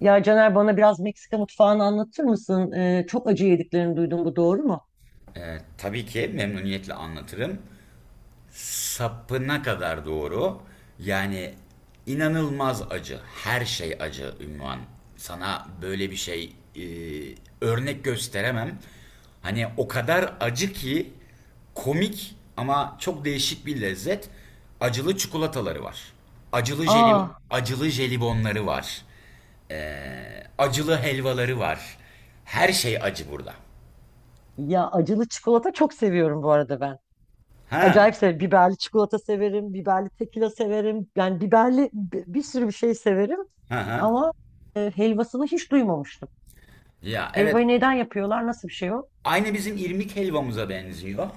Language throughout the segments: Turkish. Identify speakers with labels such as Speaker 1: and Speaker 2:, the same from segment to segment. Speaker 1: Ya Caner bana biraz Meksika mutfağını anlatır mısın? Çok acı yediklerini duydum, bu doğru mu?
Speaker 2: Tabii ki memnuniyetle anlatırım. Sapına kadar doğru. Yani inanılmaz acı. Her şey acı ünvan. Sana böyle bir şey örnek gösteremem. Hani o kadar acı ki komik ama çok değişik bir lezzet. Acılı çikolataları var. Acılı jeli,
Speaker 1: Aa,
Speaker 2: acılı jelibonları var. Acılı helvaları var. Her şey acı burada.
Speaker 1: ya acılı çikolata çok seviyorum bu arada ben.
Speaker 2: Ha,
Speaker 1: Acayip severim. Biberli çikolata severim, biberli tekila severim. Yani biberli bir sürü bir şey severim.
Speaker 2: ha, ha.
Speaker 1: Ama helvasını hiç duymamıştım.
Speaker 2: Ya evet,
Speaker 1: Helvayı neden yapıyorlar? Nasıl bir şey o?
Speaker 2: aynı bizim irmik helvamıza benziyor.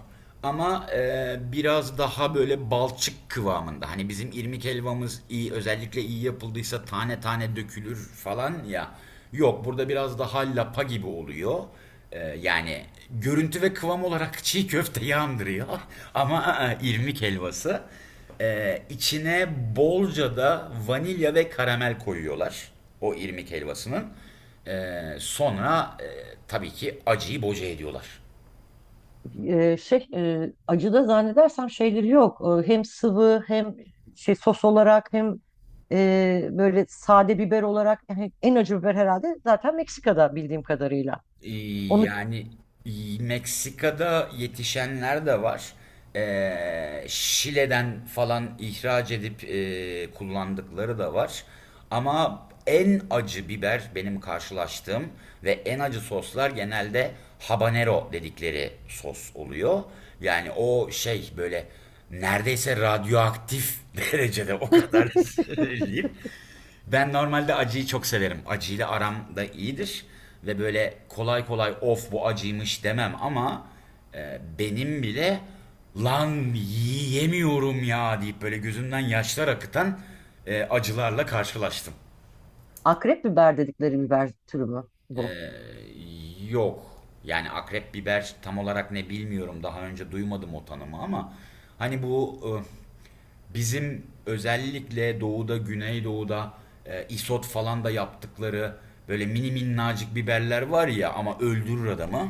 Speaker 2: Ama biraz daha böyle balçık kıvamında. Hani bizim irmik helvamız iyi, özellikle iyi yapıldıysa tane tane dökülür falan ya. Yok, burada biraz daha lapa gibi oluyor. Yani görüntü ve kıvam olarak çiğ köfte andırıyor. Ama irmik helvası. E, içine bolca da vanilya ve karamel koyuyorlar. O irmik helvasının. E, sonra tabii ki acıyı boca ediyorlar.
Speaker 1: Şey, acıda zannedersem şeyleri yok. Hem sıvı hem şey sos olarak hem böyle sade biber olarak, yani en acı biber herhalde zaten Meksika'da bildiğim kadarıyla.
Speaker 2: Ee,
Speaker 1: Onu
Speaker 2: Yani Meksika'da yetişenler de var. Şile'den falan ihraç edip kullandıkları da var. Ama en acı biber benim karşılaştığım ve en acı soslar genelde habanero dedikleri sos oluyor. Yani o şey böyle neredeyse radyoaktif derecede o kadar söyleyeyim. Ben normalde acıyı çok severim. Acıyla aram da iyidir. Ve böyle kolay kolay of bu acıymış demem ama benim bile lan yiyemiyorum ya deyip böyle gözümden yaşlar akıtan acılarla karşılaştım.
Speaker 1: akrep biber dedikleri biber türü mü bu?
Speaker 2: Yok. Yani akrep biber tam olarak ne bilmiyorum. Daha önce duymadım o tanımı ama hani bu bizim özellikle doğuda, güneydoğuda isot falan da yaptıkları böyle mini minnacık biberler var ya ama öldürür adamı.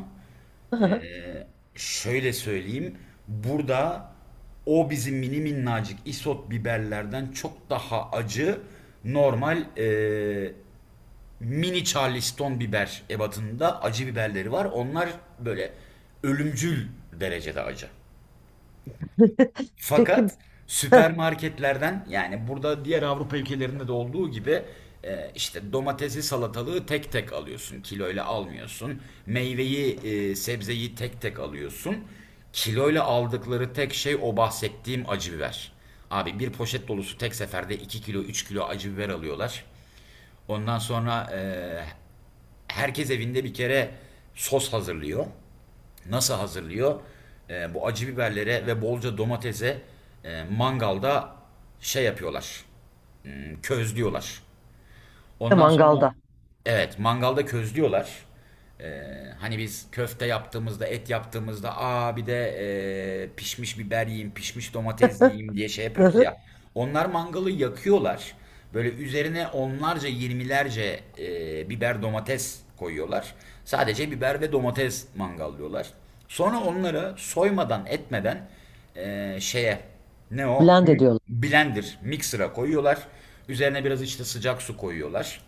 Speaker 2: Şöyle söyleyeyim. Burada o bizim mini minnacık isot biberlerden çok daha acı, normal mini Charleston biber ebatında acı biberleri var. Onlar böyle ölümcül derecede acı.
Speaker 1: Peki bir
Speaker 2: Fakat süpermarketlerden, yani burada diğer Avrupa ülkelerinde de olduğu gibi işte domatesi salatalığı tek tek alıyorsun. Kiloyla almıyorsun. Meyveyi sebzeyi tek tek alıyorsun. Kiloyla aldıkları tek şey o bahsettiğim acı biber. Abi bir poşet dolusu tek seferde 2 kilo 3 kilo acı biber alıyorlar. Ondan sonra herkes evinde bir kere sos hazırlıyor. Nasıl hazırlıyor? Bu acı biberlere ve bolca domatese mangalda şey yapıyorlar. Hmm, közlüyorlar.
Speaker 1: de
Speaker 2: Ondan sonra
Speaker 1: mangalda
Speaker 2: evet, mangalda közlüyorlar. Ee, Hani biz köfte yaptığımızda, et yaptığımızda aa bir de pişmiş biber yiyeyim, pişmiş domates yiyeyim diye şey yapıyoruz ya. Onlar mangalı yakıyorlar. Böyle üzerine onlarca, yirmilerce biber domates koyuyorlar. Sadece biber ve domates mangallıyorlar. Sonra onları soymadan, etmeden şeye ne o?
Speaker 1: blend ediyorlar.
Speaker 2: Blender, mixer'a koyuyorlar. Üzerine biraz işte sıcak su koyuyorlar,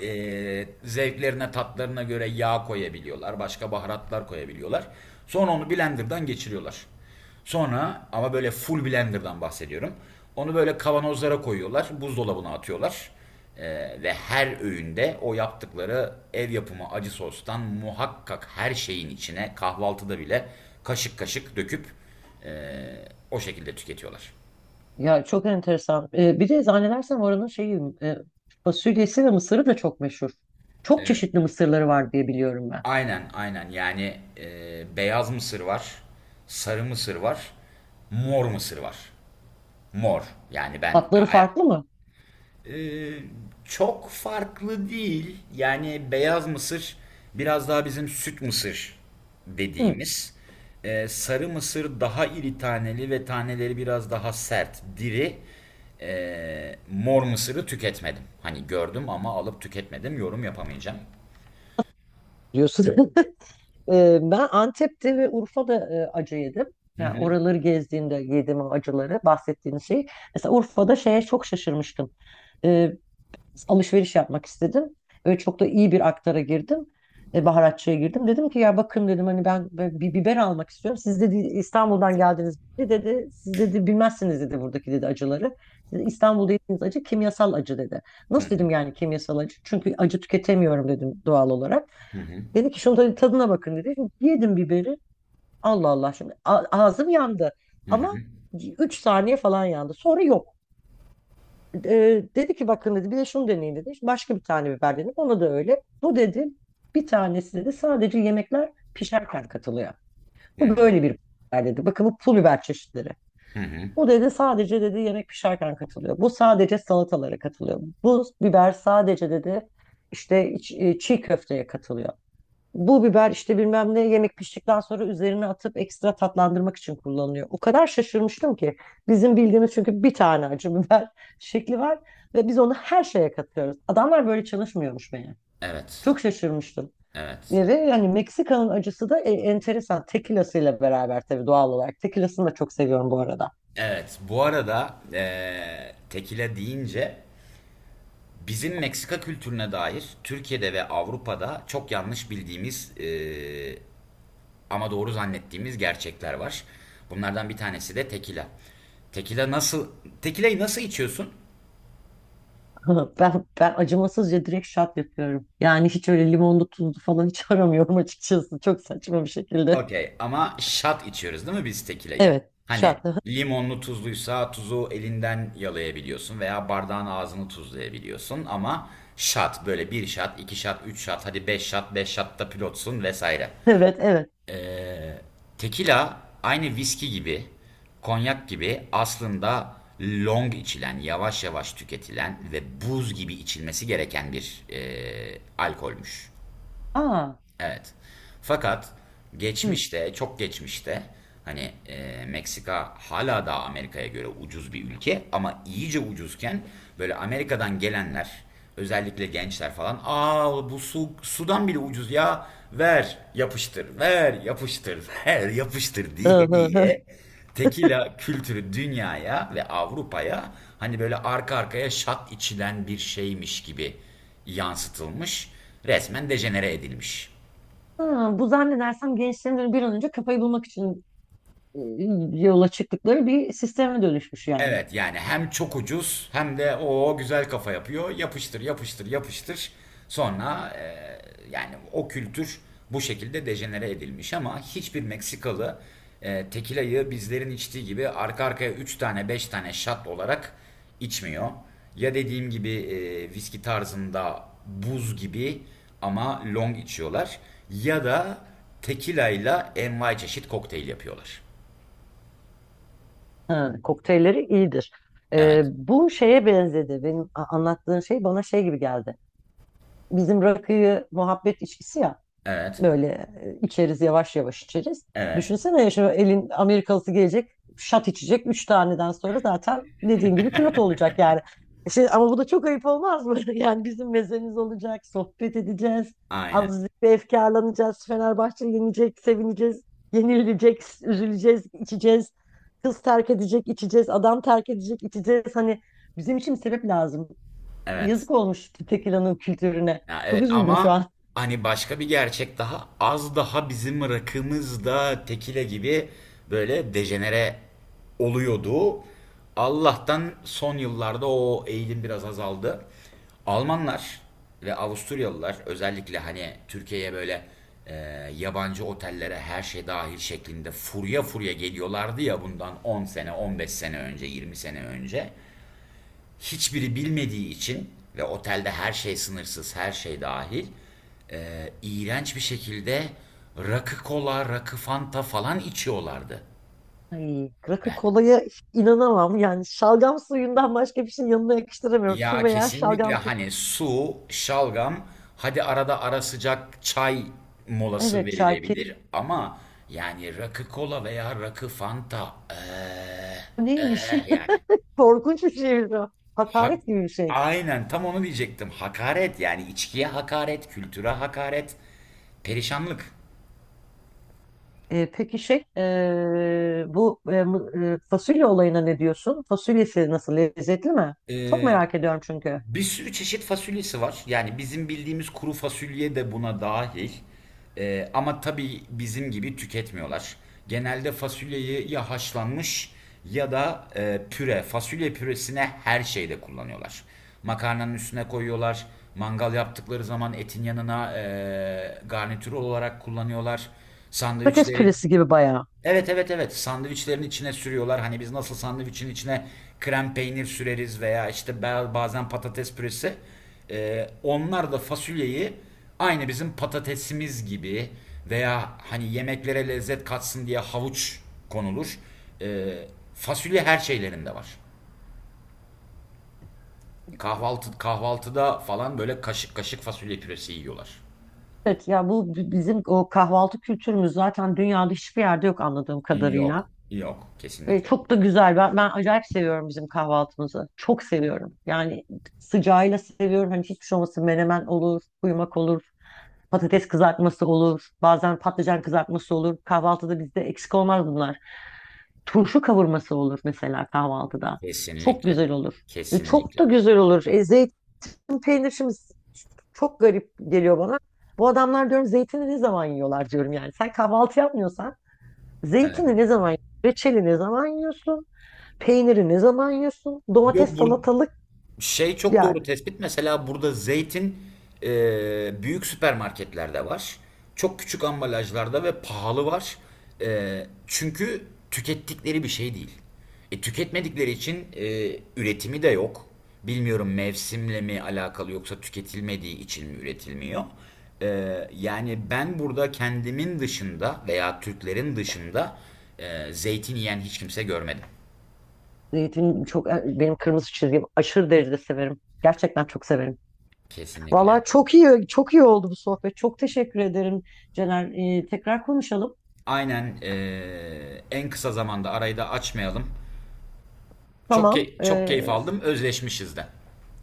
Speaker 2: zevklerine tatlarına göre yağ koyabiliyorlar. Başka baharatlar koyabiliyorlar. Sonra onu blenderdan geçiriyorlar. Sonra ama böyle full blenderdan bahsediyorum. Onu böyle kavanozlara koyuyorlar. Buzdolabına atıyorlar. E, ve her öğünde o yaptıkları ev yapımı acı sostan muhakkak her şeyin içine kahvaltıda bile kaşık kaşık döküp e, o şekilde tüketiyorlar.
Speaker 1: Ya çok enteresan. Bir de zannedersem oranın şeyi, fasulyesi ve mısırı da çok meşhur. Çok çeşitli mısırları var diye biliyorum ben.
Speaker 2: Aynen aynen, yani beyaz mısır var, sarı mısır var, mor mısır var. Mor, yani ben
Speaker 1: Tatları farklı mı?
Speaker 2: e, çok farklı değil, yani beyaz mısır biraz daha bizim süt mısır
Speaker 1: Hı,
Speaker 2: dediğimiz. Sarı mısır daha iri taneli ve taneleri biraz daha sert, diri. Mor mısırı tüketmedim. Hani gördüm ama alıp tüketmedim, yorum yapamayacağım.
Speaker 1: diyorsun. Ben Antep'te ve Urfa'da acı yedim. Yani oraları gezdiğimde yediğim o acıları, bahsettiğiniz şey. Mesela Urfa'da şeye çok şaşırmıştım. Alışveriş yapmak istedim. Ve çok da iyi bir aktara girdim. E, baharatçıya girdim. Dedim ki ya bakın dedim, hani ben bir biber almak istiyorum. Siz, dedi, İstanbul'dan geldiniz, dedi. Dedi, siz, dedi, bilmezsiniz, dedi, buradaki, dedi, acıları. Siz İstanbul'da yediğiniz acı kimyasal acı, dedi. Nasıl, dedim, yani kimyasal acı? Çünkü acı tüketemiyorum, dedim, doğal olarak. Dedi ki şunu da tadına bakın, dedi. Şimdi yedim biberi. Allah Allah, şimdi ağzım yandı.
Speaker 2: Hı
Speaker 1: Ama
Speaker 2: hı.
Speaker 1: 3 saniye falan yandı. Sonra yok. E, dedi ki bakın, dedi, bir de şunu deneyin, dedi. Başka bir tane biber denedim. Ona da öyle. Bu, dedi, bir tanesi, dedi, sadece yemekler pişerken katılıyor. Bu böyle bir biber, dedi. Bakın, bu pul biber çeşitleri. Bu, dedi, sadece, dedi, yemek pişerken katılıyor. Bu sadece salatalara katılıyor. Bu biber sadece, dedi, işte çiğ köfteye katılıyor. Bu biber işte bilmem ne, yemek piştikten sonra üzerine atıp ekstra tatlandırmak için kullanılıyor. O kadar şaşırmıştım ki, bizim bildiğimiz, çünkü bir tane acı biber şekli var ve biz onu her şeye katıyoruz. Adamlar böyle çalışmıyormuş meğer.
Speaker 2: Evet.
Speaker 1: Çok şaşırmıştım.
Speaker 2: Evet.
Speaker 1: E, ve yani Meksika'nın acısı da enteresan. Tequila'sıyla beraber tabii, doğal olarak. Tequila'sını da çok seviyorum bu arada.
Speaker 2: Evet, bu arada tekile deyince bizim Meksika kültürüne dair Türkiye'de ve Avrupa'da çok yanlış bildiğimiz ama doğru zannettiğimiz gerçekler var. Bunlardan bir tanesi de tekila. Tekila nasıl tekilayı nasıl içiyorsun?
Speaker 1: Ben acımasızca direkt şat yapıyorum. Yani hiç öyle limonlu tuzlu falan hiç aramıyorum açıkçası. Çok saçma bir şekilde.
Speaker 2: Okey, ama şat içiyoruz değil mi biz tekileyi?
Speaker 1: Evet,
Speaker 2: Hani
Speaker 1: şat.
Speaker 2: limonlu tuzluysa tuzu elinden yalayabiliyorsun veya bardağın ağzını tuzlayabiliyorsun ama şat böyle bir şat, iki şat, üç şat, hadi beş şat, beş şatta pilotsun vesaire.
Speaker 1: Evet, evet.
Speaker 2: Tekila aynı viski gibi, konyak gibi aslında long içilen, yavaş yavaş tüketilen ve buz gibi içilmesi gereken bir alkolmüş.
Speaker 1: Aa,
Speaker 2: Evet. Fakat
Speaker 1: hı.
Speaker 2: geçmişte, çok geçmişte, hani Meksika hala daha Amerika'ya göre ucuz bir ülke ama iyice ucuzken böyle Amerika'dan gelenler özellikle gençler falan aa bu su sudan bile ucuz ya, ver yapıştır ver yapıştır ver yapıştır diye diye tekila kültürü dünyaya ve Avrupa'ya hani böyle arka arkaya şat içilen bir şeymiş gibi yansıtılmış, resmen dejenere edilmiş.
Speaker 1: Ha, bu zannedersem gençlerin bir an önce kafayı bulmak için e, yola çıktıkları bir sisteme dönüşmüş yani.
Speaker 2: Evet, yani hem çok ucuz hem de o güzel kafa yapıyor. Yapıştır, yapıştır, yapıştır. Sonra yani o kültür bu şekilde dejenere edilmiş ama hiçbir Meksikalı tekila'yı bizlerin içtiği gibi arka arkaya 3 tane 5 tane shot olarak içmiyor. Ya, dediğim gibi, viski tarzında buz gibi ama long içiyorlar, ya da tekila ile envai çeşit kokteyl yapıyorlar.
Speaker 1: Ha, kokteylleri iyidir.
Speaker 2: Evet.
Speaker 1: Bu şeye benzedi. Benim, anlattığın şey bana şey gibi geldi. Bizim rakıyı muhabbet içkisi ya,
Speaker 2: Evet.
Speaker 1: böyle içeriz, yavaş yavaş içeriz.
Speaker 2: Evet.
Speaker 1: Düşünsene ya, şu elin Amerikalısı gelecek, şat içecek. Üç taneden sonra zaten dediğin gibi pilot olacak yani. Şey, ama bu da çok ayıp olmaz mı? Yani bizim mezemiz olacak, sohbet edeceğiz.
Speaker 2: Aynen.
Speaker 1: Azıcık bir efkarlanacağız. Fenerbahçe yenecek, sevineceğiz. Yenilecek, üzüleceğiz, içeceğiz. Kız terk edecek, içeceğiz. Adam terk edecek, içeceğiz. Hani bizim için bir sebep lazım.
Speaker 2: Evet.
Speaker 1: Yazık olmuş tekilanın kültürüne.
Speaker 2: Ya
Speaker 1: Çok
Speaker 2: evet,
Speaker 1: üzüldüm şu
Speaker 2: ama
Speaker 1: an.
Speaker 2: hani başka bir gerçek daha az daha bizim rakımızda tekile gibi böyle dejenere oluyordu. Allah'tan son yıllarda o eğilim biraz azaldı. Almanlar ve Avusturyalılar özellikle hani Türkiye'ye böyle e, yabancı otellere her şey dahil şeklinde furya furya geliyorlardı ya bundan 10 sene, 15 sene önce, 20 sene önce hiçbiri bilmediği için ve otelde her şey sınırsız, her şey dahil, iğrenç bir şekilde rakı kola, rakı fanta falan içiyorlardı.
Speaker 1: Ay, rakı
Speaker 2: Ben.
Speaker 1: kolaya inanamam. Yani şalgam suyundan başka bir şey yanına yakıştıramıyorum. Su
Speaker 2: Ya
Speaker 1: veya
Speaker 2: kesinlikle,
Speaker 1: şalgam suyu.
Speaker 2: hani su, şalgam, hadi arada ara sıcak çay molası
Speaker 1: Evet, çay
Speaker 2: verilebilir ama yani rakı kola veya rakı fanta
Speaker 1: Neymiş?
Speaker 2: yani.
Speaker 1: Korkunç bir şeymiş o.
Speaker 2: Hak,
Speaker 1: Hakaret gibi bir şey.
Speaker 2: aynen tam onu diyecektim. Hakaret, yani içkiye hakaret, kültüre hakaret, perişanlık.
Speaker 1: E, peki şey, bu fasulye olayına ne diyorsun? Fasulyesi nasıl, lezzetli mi? Çok
Speaker 2: Ee,
Speaker 1: merak ediyorum çünkü.
Speaker 2: Bir sürü çeşit fasulyesi var. Yani bizim bildiğimiz kuru fasulye de buna dahil. Ama tabii bizim gibi tüketmiyorlar. Genelde fasulyeyi ya haşlanmış ya da püre, fasulye püresine her şeyde kullanıyorlar. Makarnanın üstüne koyuyorlar. Mangal yaptıkları zaman etin yanına garnitür olarak kullanıyorlar.
Speaker 1: Patates
Speaker 2: Sandviçleri,
Speaker 1: püresi gibi bayağı.
Speaker 2: evet evet evet, sandviçlerin içine sürüyorlar. Hani biz nasıl sandviçin içine krem peynir süreriz veya işte bazen patates püresi. Onlar da fasulyeyi aynı bizim patatesimiz gibi veya hani yemeklere lezzet katsın diye havuç konulur. Ee, Fasulye her şeylerinde var. Kahvaltıda falan böyle kaşık kaşık fasulye püresi yiyorlar.
Speaker 1: Evet ya, bu bizim o kahvaltı kültürümüz zaten dünyada hiçbir yerde yok, anladığım kadarıyla.
Speaker 2: Yok, yok,
Speaker 1: Ve
Speaker 2: kesinlikle.
Speaker 1: çok da güzel. Ben acayip seviyorum bizim kahvaltımızı. Çok seviyorum. Yani sıcağıyla seviyorum. Hani hiçbir şey olmasın. Menemen olur, kuymak olur, patates kızartması olur, bazen patlıcan kızartması olur. Kahvaltıda bizde eksik olmaz bunlar. Turşu kavurması olur mesela kahvaltıda. Çok
Speaker 2: Kesinlikle.
Speaker 1: güzel olur. E, çok
Speaker 2: Kesinlikle.
Speaker 1: da güzel olur. E, zeytin peynir şimdi çok garip geliyor bana. Bu adamlar, diyorum, zeytini ne zaman yiyorlar, diyorum yani. Sen kahvaltı yapmıyorsan
Speaker 2: Evet.
Speaker 1: zeytini ne zaman yiyorsun? Reçeli ne zaman yiyorsun? Peyniri ne zaman yiyorsun? Domates,
Speaker 2: Yok bur
Speaker 1: salatalık
Speaker 2: Şey, çok doğru
Speaker 1: yani.
Speaker 2: tespit. Mesela burada zeytin büyük süpermarketlerde var. Çok küçük ambalajlarda ve pahalı var. Çünkü tükettikleri bir şey değil. Tüketmedikleri için üretimi de yok. Bilmiyorum, mevsimle mi alakalı yoksa tüketilmediği için mi üretilmiyor. E, Yani ben burada kendimin dışında veya Türklerin dışında zeytin yiyen hiç kimse görmedim.
Speaker 1: Zeytin çok benim kırmızı çizgim. Aşırı derecede severim. Gerçekten çok severim.
Speaker 2: Kesinlikle.
Speaker 1: Valla çok iyi, çok iyi oldu bu sohbet. Çok teşekkür ederim Cener. Tekrar konuşalım.
Speaker 2: Aynen, en kısa zamanda arayı da açmayalım.
Speaker 1: Tamam.
Speaker 2: Çok keyif aldım. Özleşmişiz de.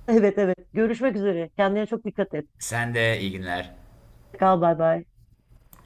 Speaker 1: Evet evet. Görüşmek üzere. Kendine çok dikkat et.
Speaker 2: Sen de iyi günler.
Speaker 1: Hoşça kal, bay bay.